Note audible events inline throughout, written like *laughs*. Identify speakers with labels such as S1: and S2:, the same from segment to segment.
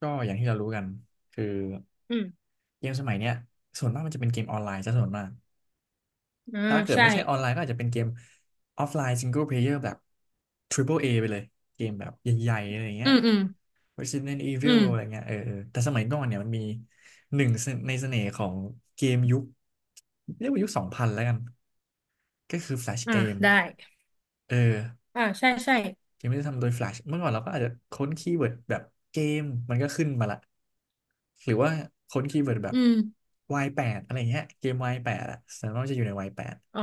S1: ก็อย่างที่เรารู้กันคือ
S2: อืม
S1: เกมสมัยเนี้ยส่วนมากมันจะเป็นเกมออนไลน์ซะส่วนมาก
S2: อ่า
S1: ถ้าเกิด
S2: ใช่
S1: ไม่ใช่ออนไลน์ก็อาจจะเป็นเกมออฟไลน์ซิงเกิลเพลเยอร์แบบ Triple A ไปเลยเกมแบบใหญ่ๆอะไรเงี้
S2: อื
S1: ย
S2: มอืม
S1: Resident
S2: อื
S1: Evil อะไร
S2: ม
S1: เงี้ยเออเออแต่สมัยก่อนเนี่ยมันมีหนึ่งในเสน่ห์ของเกมยุคเรียกว่ายุคสองพันแล้วกันก็คือ Flash
S2: อ่า
S1: Game
S2: ได้
S1: เออ
S2: อ่าใช่ใช่
S1: ยังไม่ได้ทำโดย Flash เมื่อก่อนเราก็อาจจะค้นคีย์เวิร์ดแบบเกมมันก็ขึ้นมาละหรือว่าค้นคีย์เวิร์ดแบบ
S2: อืม
S1: Y8 อะไรเงี้ยเกม Y8 อะส่วนมากจะอยู่ใน Y8
S2: อ๋อ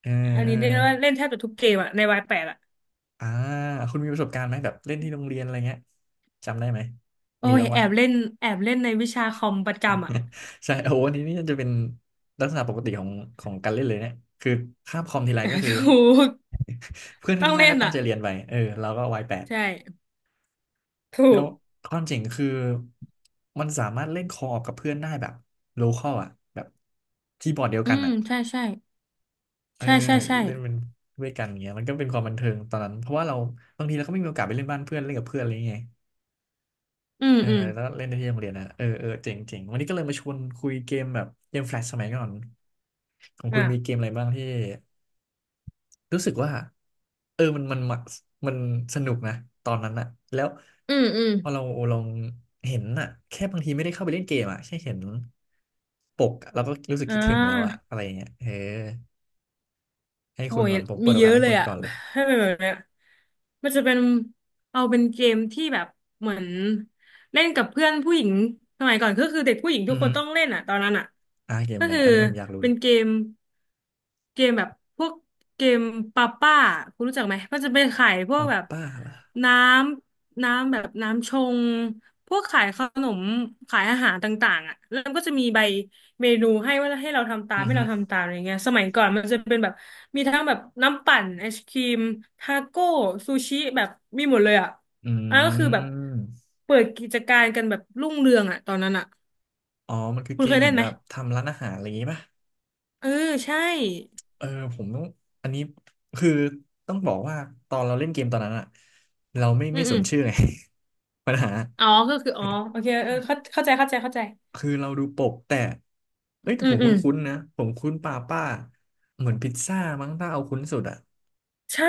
S1: เออ
S2: อัน
S1: เออ
S2: นี้เรียกว่าเล่นแทบจะทุกเกมอะในวายแปดอะ
S1: อ่าคุณมีประสบการณ์ไหมแบบเล่นที่โรงเรียนอะไรเงี้ยจำได้ไหม
S2: โอ้
S1: มี
S2: ย
S1: บ้าง
S2: แอ
S1: วะ
S2: บเล่นแอบเล่นในวิชาคอมประจำอะ
S1: *laughs* ใช่โอ้โหอันนี้นี่จะเป็นลักษณะปกติของของการเล่นเลยเนี่ย คือคาบคอมทีไรก็คื
S2: *laughs* ถ
S1: อ
S2: ูก
S1: *laughs* เพื่อน
S2: ต้
S1: ข้า
S2: อ
S1: ง
S2: ง
S1: หน้า
S2: เล่
S1: ก็
S2: น
S1: ตั้ง
S2: อะ
S1: ใจเรียนไปเออเราก็วายแปด
S2: ใช่ถู
S1: แล้ว
S2: ก
S1: ความเจ๋งคือมันสามารถเล่นคอออกกับเพื่อนได้แบบโลคอลอ่ะแบบคีย์บอร์ดเดียว
S2: อื
S1: กัน
S2: ม
S1: อ่ะ
S2: ใช่ใช่
S1: เออ
S2: ใช่ใช่ใช่
S1: เล่นเป็นด้วยกันอย่างเงี้ยมันก็เป็นความบันเทิงตอนนั้นเพราะว่าเราบางทีเราก็ไม่มีโอกาสไปเล่นบ้านเพื่อนเล่นกับเพื่อนอะไรอย่างเงี้ย
S2: อืม
S1: เออ
S2: อืม
S1: แล้วเล่นได้ที่โรงเรียนนะเออเออเจ๋งเจ๋งวันนี้ก็เลยมาชวนคุยเกมแบบเกมแฟลชสมัยก่อนของคุ
S2: อ่ะ
S1: ณมีเกมอะไรบ้างที่ รู้สึกว่าเออมันมันสนุกนะตอนนั้นอะแล้ว
S2: อืมอืม
S1: พอเราลองเห็นอะแค่บางทีไม่ได้เข้าไปเล่นเกมอะแค่เห็นปกเราก็รู้สึก
S2: อ่
S1: คิดถึงแล้วอะ
S2: า
S1: อะไรอย่างเงี้ยเออให้
S2: โอ้
S1: คุณ
S2: ย
S1: ก่อนผมเปิ
S2: มี
S1: ดโอ
S2: เย
S1: กาส
S2: อะ
S1: ให้
S2: เล
S1: คุ
S2: ย
S1: ณ
S2: อ่ะ
S1: ก่อนเลย
S2: *sighs* *laughs* ให้เป็นแบบเนี้ยมันจะเป็นเอาเป็นเกมที่แบบเหมือนเล่นกับเพื่อนผู้หญิงสมัยก่อนก็คือเด็กผู้หญิงทุ
S1: อื
S2: ก
S1: อ
S2: ค
S1: ฮึ
S2: นต้องเล่นอ่ะตอนนั้นอ่ะ
S1: เกม
S2: ก็
S1: อะไร
S2: คือ
S1: อันนี้ผมอยากรู้
S2: เป็
S1: เล
S2: น
S1: ย
S2: เกมแบบพวกเกมปาป้าคุณรู้จักไหมมันจะเป็นขายพวก
S1: ป้า
S2: แบบ
S1: ป้าล่ะ
S2: น้ำแบบน้ำชงพวกขายขนมขายอาหารต่างๆอ่ะแล้วมันก็จะมีใบ เมนูให้ว่า
S1: อือ
S2: ให้
S1: ฮึ
S2: เราทำตามอะไรเงี้ยสมัยก่อนมันจะเป็นแบบมีทั้งแบบน้ำปั่นไอศครีมทาโก้ซูชิแบบมีหมดเลยอ่ะ
S1: อื
S2: อันนั้นก็คือแบบ
S1: ม
S2: เปิดกิจการกันแบบรุ่งเรืองอ่ะตอนนั้นอ่ะ
S1: อ๋อมันคือ
S2: คุ
S1: เก
S2: ณเค
S1: ม
S2: ย
S1: เห
S2: เล่
S1: มือน
S2: นไหม
S1: แบบทำร้านอาหารอะไรอย่างงี้ป่ะ
S2: เออใช่
S1: เออผมต้องอันนี้คือต้องบอกว่าตอนเราเล่นเกมตอนนั้นอะเราไม่
S2: อื
S1: ไม่
S2: ม
S1: ส
S2: อื
S1: น
S2: ม
S1: ชื่อไง *laughs* ปัญหา
S2: อ๋อก็คืออ๋อโอเคเออเข้าใจเข้าใจเข้าใจ
S1: คือเราดูปกแต่เอ้ยแต่
S2: อื
S1: ผ
S2: ม
S1: มค
S2: อืม
S1: ุ้นๆนะผมคุ้นป้าป้าเหมือนพิซซ่ามั้งถ้าเอาคุ้นสุดอะ
S2: ใช่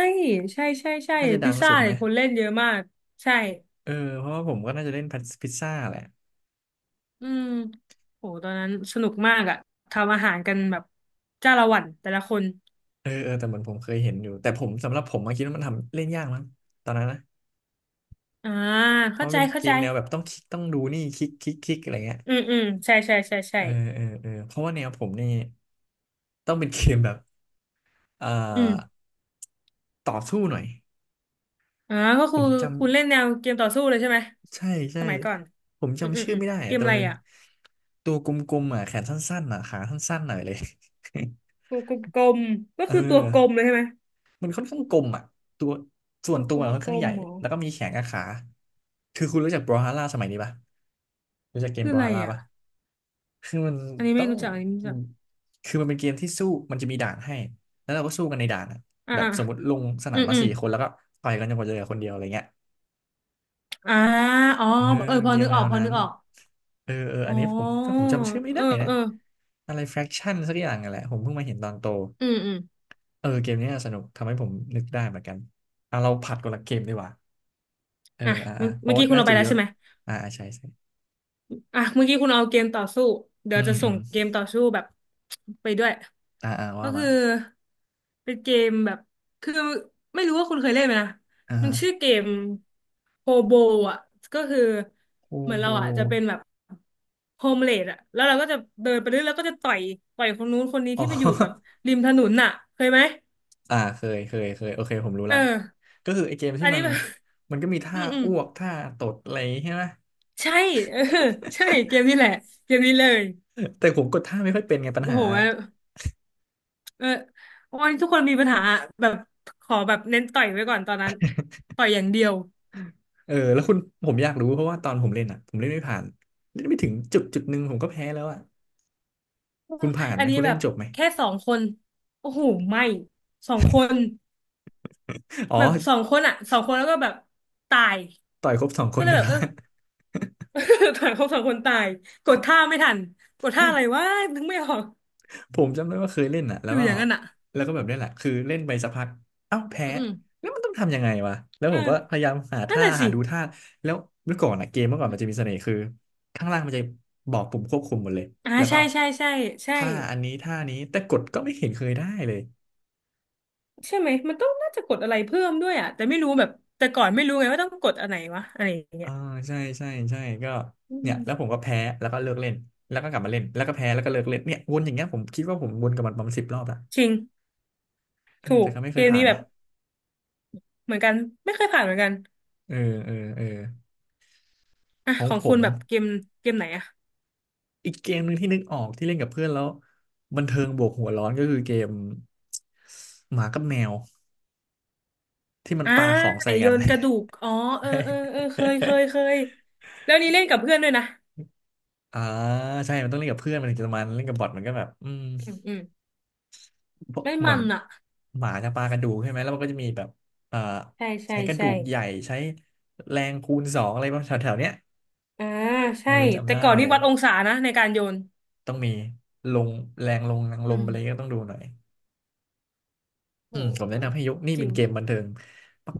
S2: ใช่ใช่ใช่
S1: น่าจะดั
S2: พิซ
S1: ง
S2: ซ่า
S1: สุดไหม
S2: เนี่ยคนเล่นเยอะมากใช่
S1: เออเพราะว่าผมก็น่าจะเล่นพิซซ่าแหละ
S2: อืมโหตอนนั้นสนุกมากอะทำอาหารกันแบบจ้าละหวันแต่ละคน
S1: เออเออแต่เหมือนผมเคยเห็นอยู่แต่ผมสำหรับผมมาคิดว่ามันทำเล่นยากมั้งตอนนั้นนะ
S2: อ่า
S1: เพ
S2: เข้า
S1: ราะมัน
S2: ใจ
S1: เป็น
S2: เข้า
S1: เก
S2: ใจ
S1: มแนวแบบต้องคลิกต้องดูนี่คลิกคลิกคลิกอะไรเงี้ย
S2: อืมอืมใช่ใช่ใช่ใช่
S1: เออเออเออเพราะว่าแนวผมนี่ต้องเป็นเกมแบบ เอ่อ
S2: อืม
S1: ต่อสู้หน่อย
S2: อ่าก็
S1: ผ
S2: คือ
S1: มจำ
S2: คุณเล่นแนวเกมต่อสู้เลยใช่ไหม
S1: ใช่ใช่
S2: สมัยก่อน
S1: ผม
S2: อืมอื
S1: จำ
S2: ม
S1: ชื่
S2: อื
S1: อ
S2: ม
S1: ไม่ได้
S2: เก
S1: อะ
S2: ม
S1: แต่
S2: อะ
S1: มั
S2: ไร
S1: นเป็น
S2: อ่ะ
S1: ตัวกลมๆอ่ะแขนสั้นๆอ่ะขาสั้นๆหน่อยเลย
S2: ตัวกลมๆก็
S1: *laughs* เอ
S2: คือตัวกลม
S1: อ
S2: เลยใช่ไหม
S1: มันค่อนข้างกลมอ่ะตัวส่ว
S2: ตั
S1: น
S2: ว
S1: ตั
S2: ก
S1: วอะค่อนข้า
S2: ล
S1: งให
S2: ม
S1: ญ่
S2: ๆเหรอ
S1: แล้วก็มีแขนกับขาคือคุณรู้จักบรอฮาร่าสมัยนี้ปะรู้จักเกม
S2: คือ
S1: บร
S2: อะ
S1: อ
S2: ไร
S1: ฮาร่า
S2: อ่ะ
S1: ปะคือมัน
S2: อันนี้
S1: ต้
S2: ไม่
S1: อง
S2: รู้จักอันนี้ไม่รู้จัก
S1: คือมันเป็นเกมที่สู้มันจะมีด่านให้แล้วเราก็สู้กันในด่านอะ
S2: อ่า
S1: แบบ
S2: อ่า
S1: สมมติลงสนา
S2: อื
S1: ม
S2: ม
S1: มา
S2: อืม
S1: สี่คนแล้วก็ต่อยกันจนกว่าจะเหลือคนเดียวอะไรเงี้ย
S2: อ่าอ๋อ
S1: เออ
S2: เออพ
S1: เก
S2: อ
S1: ม
S2: นึก
S1: แน
S2: ออก
S1: ว
S2: พอ
S1: นั้
S2: นึ
S1: น
S2: กออก
S1: เออเออ
S2: อ๋
S1: อันนี้ผมก็
S2: อ
S1: ผมจำชื่อไม่
S2: เออ
S1: ได้นะ
S2: เออ
S1: อะไร fraction สักอย่างอะแหละผมเพิ่งมาเห็นตอนโต
S2: อืมอืม
S1: เออเกมนี้น่าสนุกทำให้ผมนึกได้เหมือนกันอ่ะเราผัดคนละเกมดีกว่าเออ
S2: อ่ะ
S1: อ่ะ
S2: เมื่
S1: อ่ะ
S2: อ
S1: เพ
S2: เมื่
S1: ราะ
S2: อ
S1: ว่า
S2: กี้คุณ
S1: น่า
S2: เอาไป
S1: จะ
S2: แล้
S1: เย
S2: ว
S1: อะ
S2: ใช่ไหม
S1: อ่ะอ่ะใช่ใช่
S2: อ่ะเมื่อกี้คุณเอาเกมต่อสู้เดี๋ย
S1: อื
S2: วจะ
S1: มอื
S2: ส่ง
S1: ม
S2: เกมต่อสู้แบบไปด้วย
S1: อ่ะอ่ะ
S2: ก็
S1: ว่า
S2: คื
S1: มา
S2: อเป็นเกมแบบคือไม่รู้ว่าคุณเคยเล่นไหมนะ
S1: อ่า
S2: มัน
S1: ฮะ
S2: ชื่อเกมโฮโบอ่ะก็คือ
S1: โค
S2: เหมือน
S1: โบ
S2: เราอ่ะจะเป็นแบบโฮมเลดอ่ะแล้วเราก็จะเดินไปเรื่อยแล้วก็จะต่อยต่อยคนนู้นคนนี้
S1: อ๋อ
S2: ที่ไปอยู่แบบ
S1: *laughs*
S2: ริมถนนน่ะเคยไหม
S1: อ่าเคยเคยเคยโอเคผมรู้
S2: เออ
S1: ละก็คือไอเกม
S2: อั
S1: ที่
S2: นนี้แบบ
S1: มันก็มี
S2: *laughs* อื
S1: ท่า
S2: มอืม
S1: อ้วกท่าตดอะไรใช่ไหม *laughs*
S2: ใช่ *laughs* เออใช่เกมนี้แหละเกมนี้เลย
S1: แต่ผมกดท่าไม่ค่อยเป็นไงปัญ
S2: โอ้
S1: หา
S2: โหเออวันนี้ทุกคนมีปัญหาแบบขอแบบเน้นต่อยไว้ก่อนตอนนั้นต่อยอย่างเดียว
S1: เออแล้วคุณผมอยากรู้เพราะว่าตอนผมเล่นอ่ะผมเล่นไม่ผ่านเล่นไม่ถึงจุดจุดหนึ่งผมก็แพ้แล้วอ่ะคุณผ่าน
S2: อั
S1: ไหม
S2: นนี้
S1: คุณ
S2: แบ
S1: เล่น
S2: บ
S1: จบไหม
S2: แค่สองคนโอ้โหไม่สองคน
S1: อ๋อ
S2: แบบสองคนอ่ะสองคนแล้วก็แบบตาย
S1: ต่อยครบสองค
S2: ก็
S1: น
S2: เลย
S1: นะ
S2: แบบ
S1: ค
S2: เอ
S1: รั
S2: อ *laughs* ถ่ายเขาสองคนตายกดท่าไม่ทันกดท่าอะไรวะนึกไม่ออก
S1: ผ *laughs* มจำได้ว่าเคยเล่นอ่ะแล้
S2: อ
S1: ว
S2: ยู่
S1: ก็
S2: อย่างนั้นอ่ะ
S1: แบบนี้แหละคือเล่นไปสักพักเอ้าแพ้
S2: อืมอืม
S1: แล้วมันต้องทำยังไงวะแล้วผ
S2: เอ่า
S1: มก็พยายามหา
S2: นั่น
S1: ท่า
S2: น่ะสิ
S1: หาดูท่าแล้วเมื่อก่อนอ่ะเกมเมื่อก่อนมันจะมีเสน่ห์คือข้างล่างมันจะบอกปุ่มควบคุมหมดเลย
S2: อ่า
S1: แล้วก็
S2: ใช่ใช่ใช่ใช่
S1: ท่าอันนี้ท่านี้แต่กดก็ไม่เห็นเคยได้เลย
S2: ใช่ไหมมันต้องน่าจะกดอะไรเพิ่มด้วยอ่ะแต่ไม่รู้แบบแต่ก่อนไม่รู้ไงว่าต้องกดอันไหนวะอะไรอย่างเงี้
S1: อ่า
S2: ย
S1: ใช่ใช่ใช่ก็
S2: อื
S1: เนี่ย
S2: ม
S1: แล้วผมก็แพ้แล้วก็เลิกเล่นแล้วก็กลับมาเล่นแล้วก็แพ้แล้วก็เลิกเล่นเนี่ยวนอย่างเงี้ยผมคิดว่าผมวนกับมันประมาณ10 รอบละ
S2: จริง
S1: เออ
S2: ถูก
S1: แต่ก็ไม่เค
S2: เก
S1: ย
S2: ม
S1: ผ่า
S2: นี้
S1: น
S2: แบ
S1: นะ
S2: บเหมือนกันไม่เคยผ่านเหมือนกัน
S1: เออเออเออ
S2: อ่ะ
S1: ของ
S2: ของ
S1: ผ
S2: คุ
S1: ม
S2: ณแบบเกมเกมไหนอะ
S1: อีกเกมหนึ่งที่นึกออกที่เล่นกับเพื่อนแล้วบันเทิงบวกหัวร้อนก็คือเกมหมากับแมวที่มัน
S2: อ่า
S1: ปาของ
S2: ไอ
S1: ใส่
S2: โย
S1: กัน
S2: นกระดูกอ๋อเออเออเออเคยเคยเค
S1: *laughs*
S2: ยแล้วนี้เล่นกับเพื่อนด้วยนะ
S1: อ่าใช่มันต้องเล่นกับเพื่อนมันถึงจะมันเล่นกับบอทมันก็แบบอืม
S2: อืมอืม
S1: เพราะ
S2: ได้
S1: เหมื
S2: มั
S1: อน
S2: นอะ
S1: หมาจะปากระดูกใช่ไหม แล้วมันก็จะมีแบบเอ่อ
S2: ใช่ใช่
S1: ใช้กระดู
S2: ใช่
S1: กใหญ่ใช้แรงคูณสองอะไรบางแถวๆเนี้ย
S2: อ่า
S1: เอ
S2: ใช่
S1: อจำ
S2: แต่
S1: ได้
S2: ก่อน
S1: เล
S2: นี่
S1: ย
S2: วัดองศานะในการโยน
S1: ต้องมีลงแรงลงแรงล
S2: อื
S1: มอะไร
S2: ม
S1: ก็ต้องดูหน่อยอืมผมแนะนำ
S2: โห
S1: ให้ยกนี่
S2: จ
S1: เป็
S2: ริ
S1: นเกม
S2: ง
S1: บันเทิง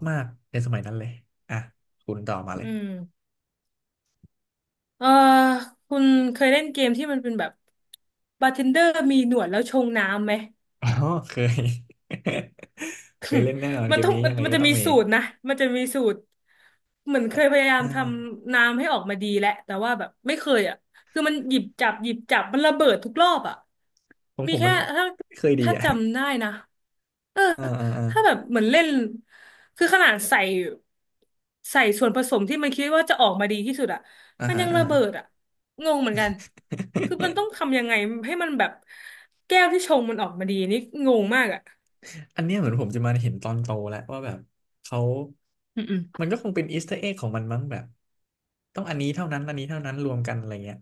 S1: มากๆในสมัยนั้นเลยอ่ะคุณต่อมาเล
S2: อื
S1: ย
S2: มเออคุณเคยเล่นเกมที่มันเป็นแบบบาร์เทนเดอร์มีหนวดแล้วชงน้ำไหม
S1: อ๋อเคย *laughs* เคยเล่นแน่นอน
S2: มั
S1: เก
S2: น
S1: ม
S2: ต้อง
S1: นี้
S2: มั
S1: ยั
S2: น
S1: งไง
S2: มัน
S1: ก็
S2: จะ
S1: ต้อง
S2: มี
S1: มี
S2: สูตรนะมันจะมีสูตรเหมือนเค
S1: อ่ะ
S2: ยพยายาม
S1: อ่า
S2: ทำน้ำให้ออกมาดีแหละแต่ว่าแบบไม่เคยอ่ะคือมันหยิบจับมันระเบิดทุกรอบอ่ะ
S1: ผม
S2: มี
S1: ผมมั
S2: แค่
S1: น
S2: ถ้า
S1: ไม่เคยดี
S2: ถ้า
S1: อ่ะ
S2: จำได้นะเออ
S1: อ่าอ่าอ่า
S2: ถ้าแบบเหมือนเล่นคือขนาดใส่ใส่ส่วนผสมที่มันคิดว่าจะออกมาดีที่สุดอ่ะ
S1: อ่า
S2: มัน
S1: ฮะ
S2: ยัง
S1: อ่า
S2: ระ
S1: ฮะ
S2: เบิดอ่ะงงเหมือนกันคือมันต้องทำยังไงให้มันแบบแก้วที่ชงมันออกมาดีนี่งงมากอ่ะ
S1: อันเนี้ยเหมือนผมจะมาเห็นตอนโตแล้วว่าแบบเขา
S2: อื
S1: มัน
S2: ม
S1: ก็คงเป็นอีสเตอร์เอ็กของมันมั้งแบบต้องอันนี้เท่านั้นอันนี้เท่านั้นรวมกันอะไรเงี้ย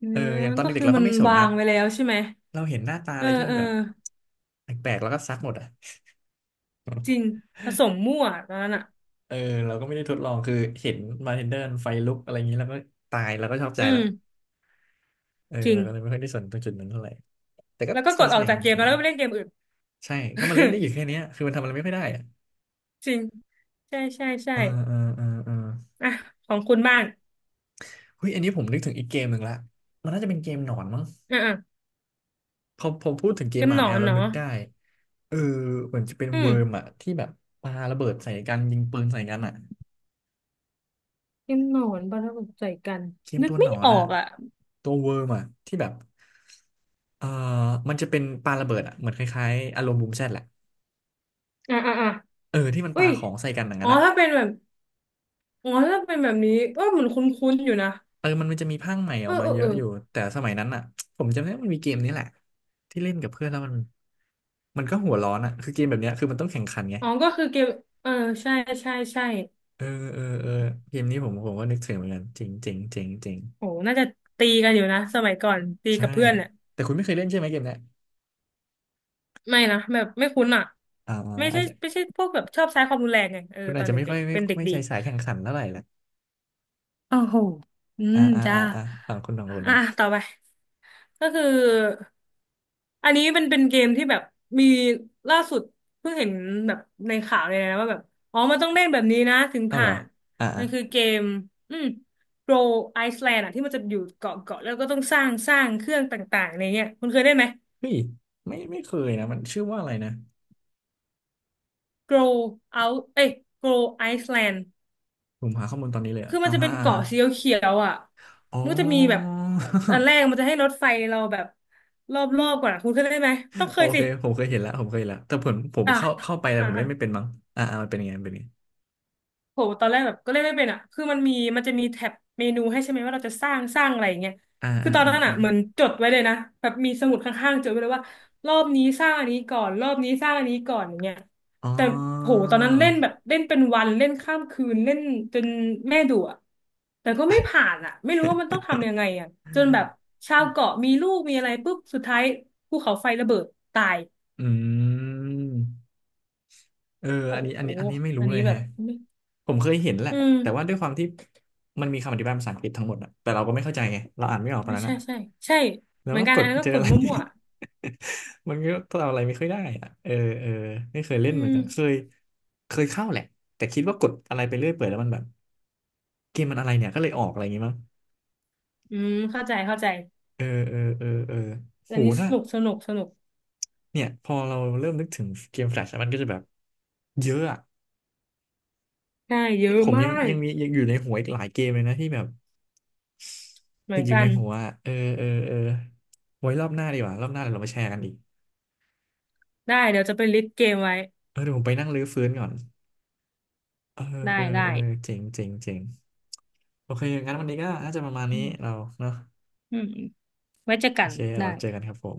S2: อื
S1: เออ
S2: ม
S1: อย่างตอน
S2: ก็
S1: เด็
S2: คื
S1: กๆ
S2: อ
S1: เรา
S2: มั
S1: ก็
S2: น
S1: ไม่สน
S2: วา
S1: นะ
S2: งไว้แล้วใช่ไหม
S1: เราเห็นหน้าตา
S2: เอ
S1: อะ
S2: อ
S1: ไรที่มั
S2: เอ
S1: น
S2: อ
S1: แบบแปลกๆแล้วก็ซักหมดอ่ะ
S2: จริงผสมมั่วตอนนั้นอ่ะ
S1: เออเราก็ไม่ได้ทดลองคือเห็นมาเทนเดอร์ไฟลุกอะไรอย่างนี้แล้วก็ตายแล้วก็ชอบใจ
S2: อื
S1: ละ
S2: ม
S1: เออ
S2: จริง
S1: เราก็เลยไม่ค่อยได้สนตรงจุดนั้นเท่าไหร่แต่ก็
S2: แล้วก็ก
S1: เป็น
S2: ด
S1: เส
S2: ออก
S1: น่ห์
S2: จา
S1: ข
S2: ก
S1: อ
S2: เก
S1: ง
S2: ม
S1: เก
S2: แล้
S1: ม
S2: วก็ไปเล่นเกมอื่น
S1: ใช่ก็มาเล่นได้อยู่แค่เนี้ยคือมันทำอะไรไม่ค่อยได้อ่ะ
S2: *laughs* จริงใช่ใช่ใช่
S1: เออเออเออเออ
S2: อ่ะของคุณบ้าง
S1: เฮ้ยอันนี้ผมนึกถึงอีกเกมหนึ่งละมันน่าจะเป็นเกมหนอนมั้ง
S2: อ่ะอ่ะ
S1: พอผมพูดถึงเก
S2: เก
S1: ม
S2: ม
S1: หมา
S2: หนอ
S1: แมว
S2: น
S1: แล้ว
S2: เนาะ
S1: นึกได้เออเหมือนจะเป็น
S2: อืม
S1: เวิร์มอะที่แบบปาระเบิดใส่กันยิงปืนใส่กันอะ
S2: เกมหนอนประกบใจกัน
S1: เกม
S2: นึ
S1: ตั
S2: ก
S1: วหน
S2: ไม่
S1: อน
S2: ออ
S1: อะ
S2: กอ่ะ
S1: ตัวเวิร์มอะที่แบบเอ่อมันจะเป็นปาระเบิดอะเหมือนคล้ายๆอารมณ์บูมแชทแหละ
S2: อ่ะอ่ะอ่ะ
S1: เออที่มัน
S2: อุ้
S1: ปา
S2: ย
S1: ของใส่กันอย่าง
S2: อ๋
S1: นั้
S2: อ
S1: นอะ
S2: ถ้าเป็นแบบอ๋อถ้าเป็นแบบนี้เออเหมือนคุ้นๆอยู่นะ
S1: เออมันจะมีภาคใหม่อ
S2: เอ
S1: อ
S2: อ
S1: กมา
S2: เออ
S1: เย
S2: เอ
S1: อะ
S2: อ
S1: อยู่ แต่สมัยนั้นอะผมจำได้ว่ามันมีเกมนี้แหละที่เล่นกับเพื่อนแล้วมันมันก็หัวร้อนอะคือเกมแบบเนี้ยคือมันต้องแข่งขันไง
S2: อ๋อก็คือเกมเออใช่ใช่ใช่
S1: เออเออเออเกมนี้ผมก็นึกถึงเหมือนกันจริงจริงจริงจริง
S2: โหน่าจะตีกันอยู่นะสมัยก่อนตี
S1: ใช่
S2: กับเพื่อนเนี่ย
S1: แต่คุณไม่เคยเล่นใช่ไหมเกมเนี้ย
S2: ไม่นะแบบไม่คุ้นอ่ะ
S1: อ่า
S2: ไม่
S1: อา
S2: ใช่
S1: จจะ
S2: ไม่ใช่พวกแบบชอบใช้ความรุนแรงไงเออ
S1: คุณ
S2: ต
S1: อา
S2: อ
S1: จ
S2: น
S1: จะไม่
S2: เด็
S1: ค่อ
S2: ก
S1: ย
S2: ๆ
S1: ไม่
S2: เป็นเด็ก
S1: ไม่
S2: ดี
S1: ใช่สายแข่งขันเท่าไหร่ละ
S2: โอ้โหอื
S1: อ่า
S2: ม
S1: อ่า
S2: จ้า
S1: อ่าอ่าฝั่งคุณของคุณ
S2: อ่ะ
S1: เนาะ
S2: ต่อไปก็คืออันนี้เป็นเป็นเกมที่แบบมีล่าสุดเพิ่งเห็นแบบในข่าวเลยนะว่าแบบอ๋อมันต้องเล่นแบบนี้นะถึง
S1: เอาเหร
S2: ผ่า
S1: อ
S2: น
S1: อ่า
S2: มั
S1: อ่า
S2: นคือเกมอืมโปรไอซ์แลนด์อ่ะที่มันจะอยู่เกาะเกาะแล้วก็ต้องสร้างสร้างเครื่องต่างๆในเนี้ยคุณเคยเล่นไหม
S1: เฮ้ยไม่เคยนะมันชื่อว่าอะไรนะ
S2: grow out เอ้ย grow Iceland
S1: ผมหาข้อมูลตอนนี้เลยอะ
S2: คือมั
S1: อ่า
S2: นจะ
S1: ฮะ
S2: เป็น
S1: อ่าฮะ
S2: เกาะสีเขียวๆอ่ะ
S1: อ๋อ
S2: มันจะมีแบบอันแรกมันจะให้รถไฟเราแบบรอบๆก่อนอะคุณเคยได้ไหมต้อง
S1: *laughs*
S2: เค
S1: โอ
S2: ย
S1: เค
S2: สิ
S1: ผมเคยเห็นแล้วผมเคยเห็นแล้วแต่ผม
S2: อ่ะ
S1: เข้าไปแต่
S2: อ่ะ
S1: ผมเล่
S2: อ่ะ
S1: นไม่เป็นมั้งอ่าอ่ามันเป็นยังไงมันเป็นยังไง
S2: โหตอนแรกแบบก็เล่นไม่เป็นอ่ะคือมันมีมันจะมีแท็บเมนูให้ใช่ไหมว่าเราจะสร้างสร้างอะไรอย่างเงี้ย
S1: อ่า
S2: คือ
S1: อ่า
S2: ตอน
S1: อ่า
S2: นั้น
S1: อา
S2: อ่ะเหมือนจดไว้เลยนะแบบมีสมุดข้างๆจดไว้เลยว่ารอบนี้สร้างอันนี้ก่อนรอบนี้สร้างอันนี้ก่อนอย่างเงี้ย
S1: อ๋อ
S2: แต่โหตอนนั้นเล่นแบบเล่นเป็นวันเล่นข้ามคืนเล่นจนแม่ดุอ่ะแต่ก็ไม่ผ่านอ่ะไม่รู้ว่ามันต้องทำยังไงอ่ะจนแบบชาวเกาะมีลูกมีอะไรปุ๊บสุดท้ายภูเขาไฟระเบิดตาย
S1: อืมเออ
S2: โห
S1: อันนี้อันนี้อันนี้ไม่
S2: อั
S1: รู้
S2: น
S1: เล
S2: นี้
S1: ย
S2: แบ
S1: แฮะ
S2: บ
S1: ผมเคยเห็นแหละ
S2: อื
S1: แต่ว่า
S2: ม
S1: ด้วยความที่มันมีคำอธิบายภาษาอังกฤษทั้งหมดอะแต่เราก็ไม่เข้าใจไงเราอ่านไม่ออกตอนนั้น
S2: ใช่
S1: อะ
S2: ใช่ใช่
S1: แล้ว
S2: เหมือ
S1: ก็
S2: นกั
S1: ก
S2: นอั
S1: ด
S2: นนั้นก็
S1: เจอ
S2: ก
S1: อะ
S2: ด
S1: ไร
S2: มั่ว
S1: *laughs* มันก็ทำอะไรไม่ค่อยได้อะเออเออไม่เคย
S2: ๆอื
S1: เล่นเหมือน
S2: ม
S1: กันเคยเคยเข้าแหละแต่คิดว่ากดอะไรไปเรื่อยเปื่อยแล้วมันแบบเกมมันอะไรเนี่ยก็เลยออกอะไรอย่างงี้มั้ง
S2: อืมเข้าใจเข้าใจ
S1: เออเออเออเออโห
S2: อันนี้ส
S1: ถ้า
S2: นุกสนุกสนุก
S1: เนี่ยพอเราเริ่มนึกถึงเกมแฟลชมันก็จะแบบเยอะอะ
S2: ใช่เย
S1: นี่
S2: อะ
S1: ผม
S2: มา
S1: ยังยั
S2: ก
S1: งมียังอยู่ในหัวอีกหลายเกมเลยนะที่แบบ
S2: เหมื
S1: ติ
S2: อ
S1: ด
S2: น
S1: อยู่
S2: กั
S1: ใน
S2: น
S1: หัวอะเออเออเออไว้รอบหน้าดีกว่ารอบหน้าเดี๋ยวเรามาแชร์กันอีก
S2: ได้เดี๋ยวจะไปลิสต์เกมไว้
S1: เออเดี๋ยวผมไปนั่งรื้อฟื้นก่อนเออ
S2: ได้
S1: เออ
S2: ได้
S1: เออเจ๋งเจ๋งเจ๋งโอเคงั้นวันนี้ก็น่าจะประมาณ
S2: อื
S1: นี้เรา
S2: ม
S1: เนาะ
S2: อืมไว้เจอ
S1: โอ
S2: กัน
S1: เค
S2: ได้
S1: เราเจอกันครับผม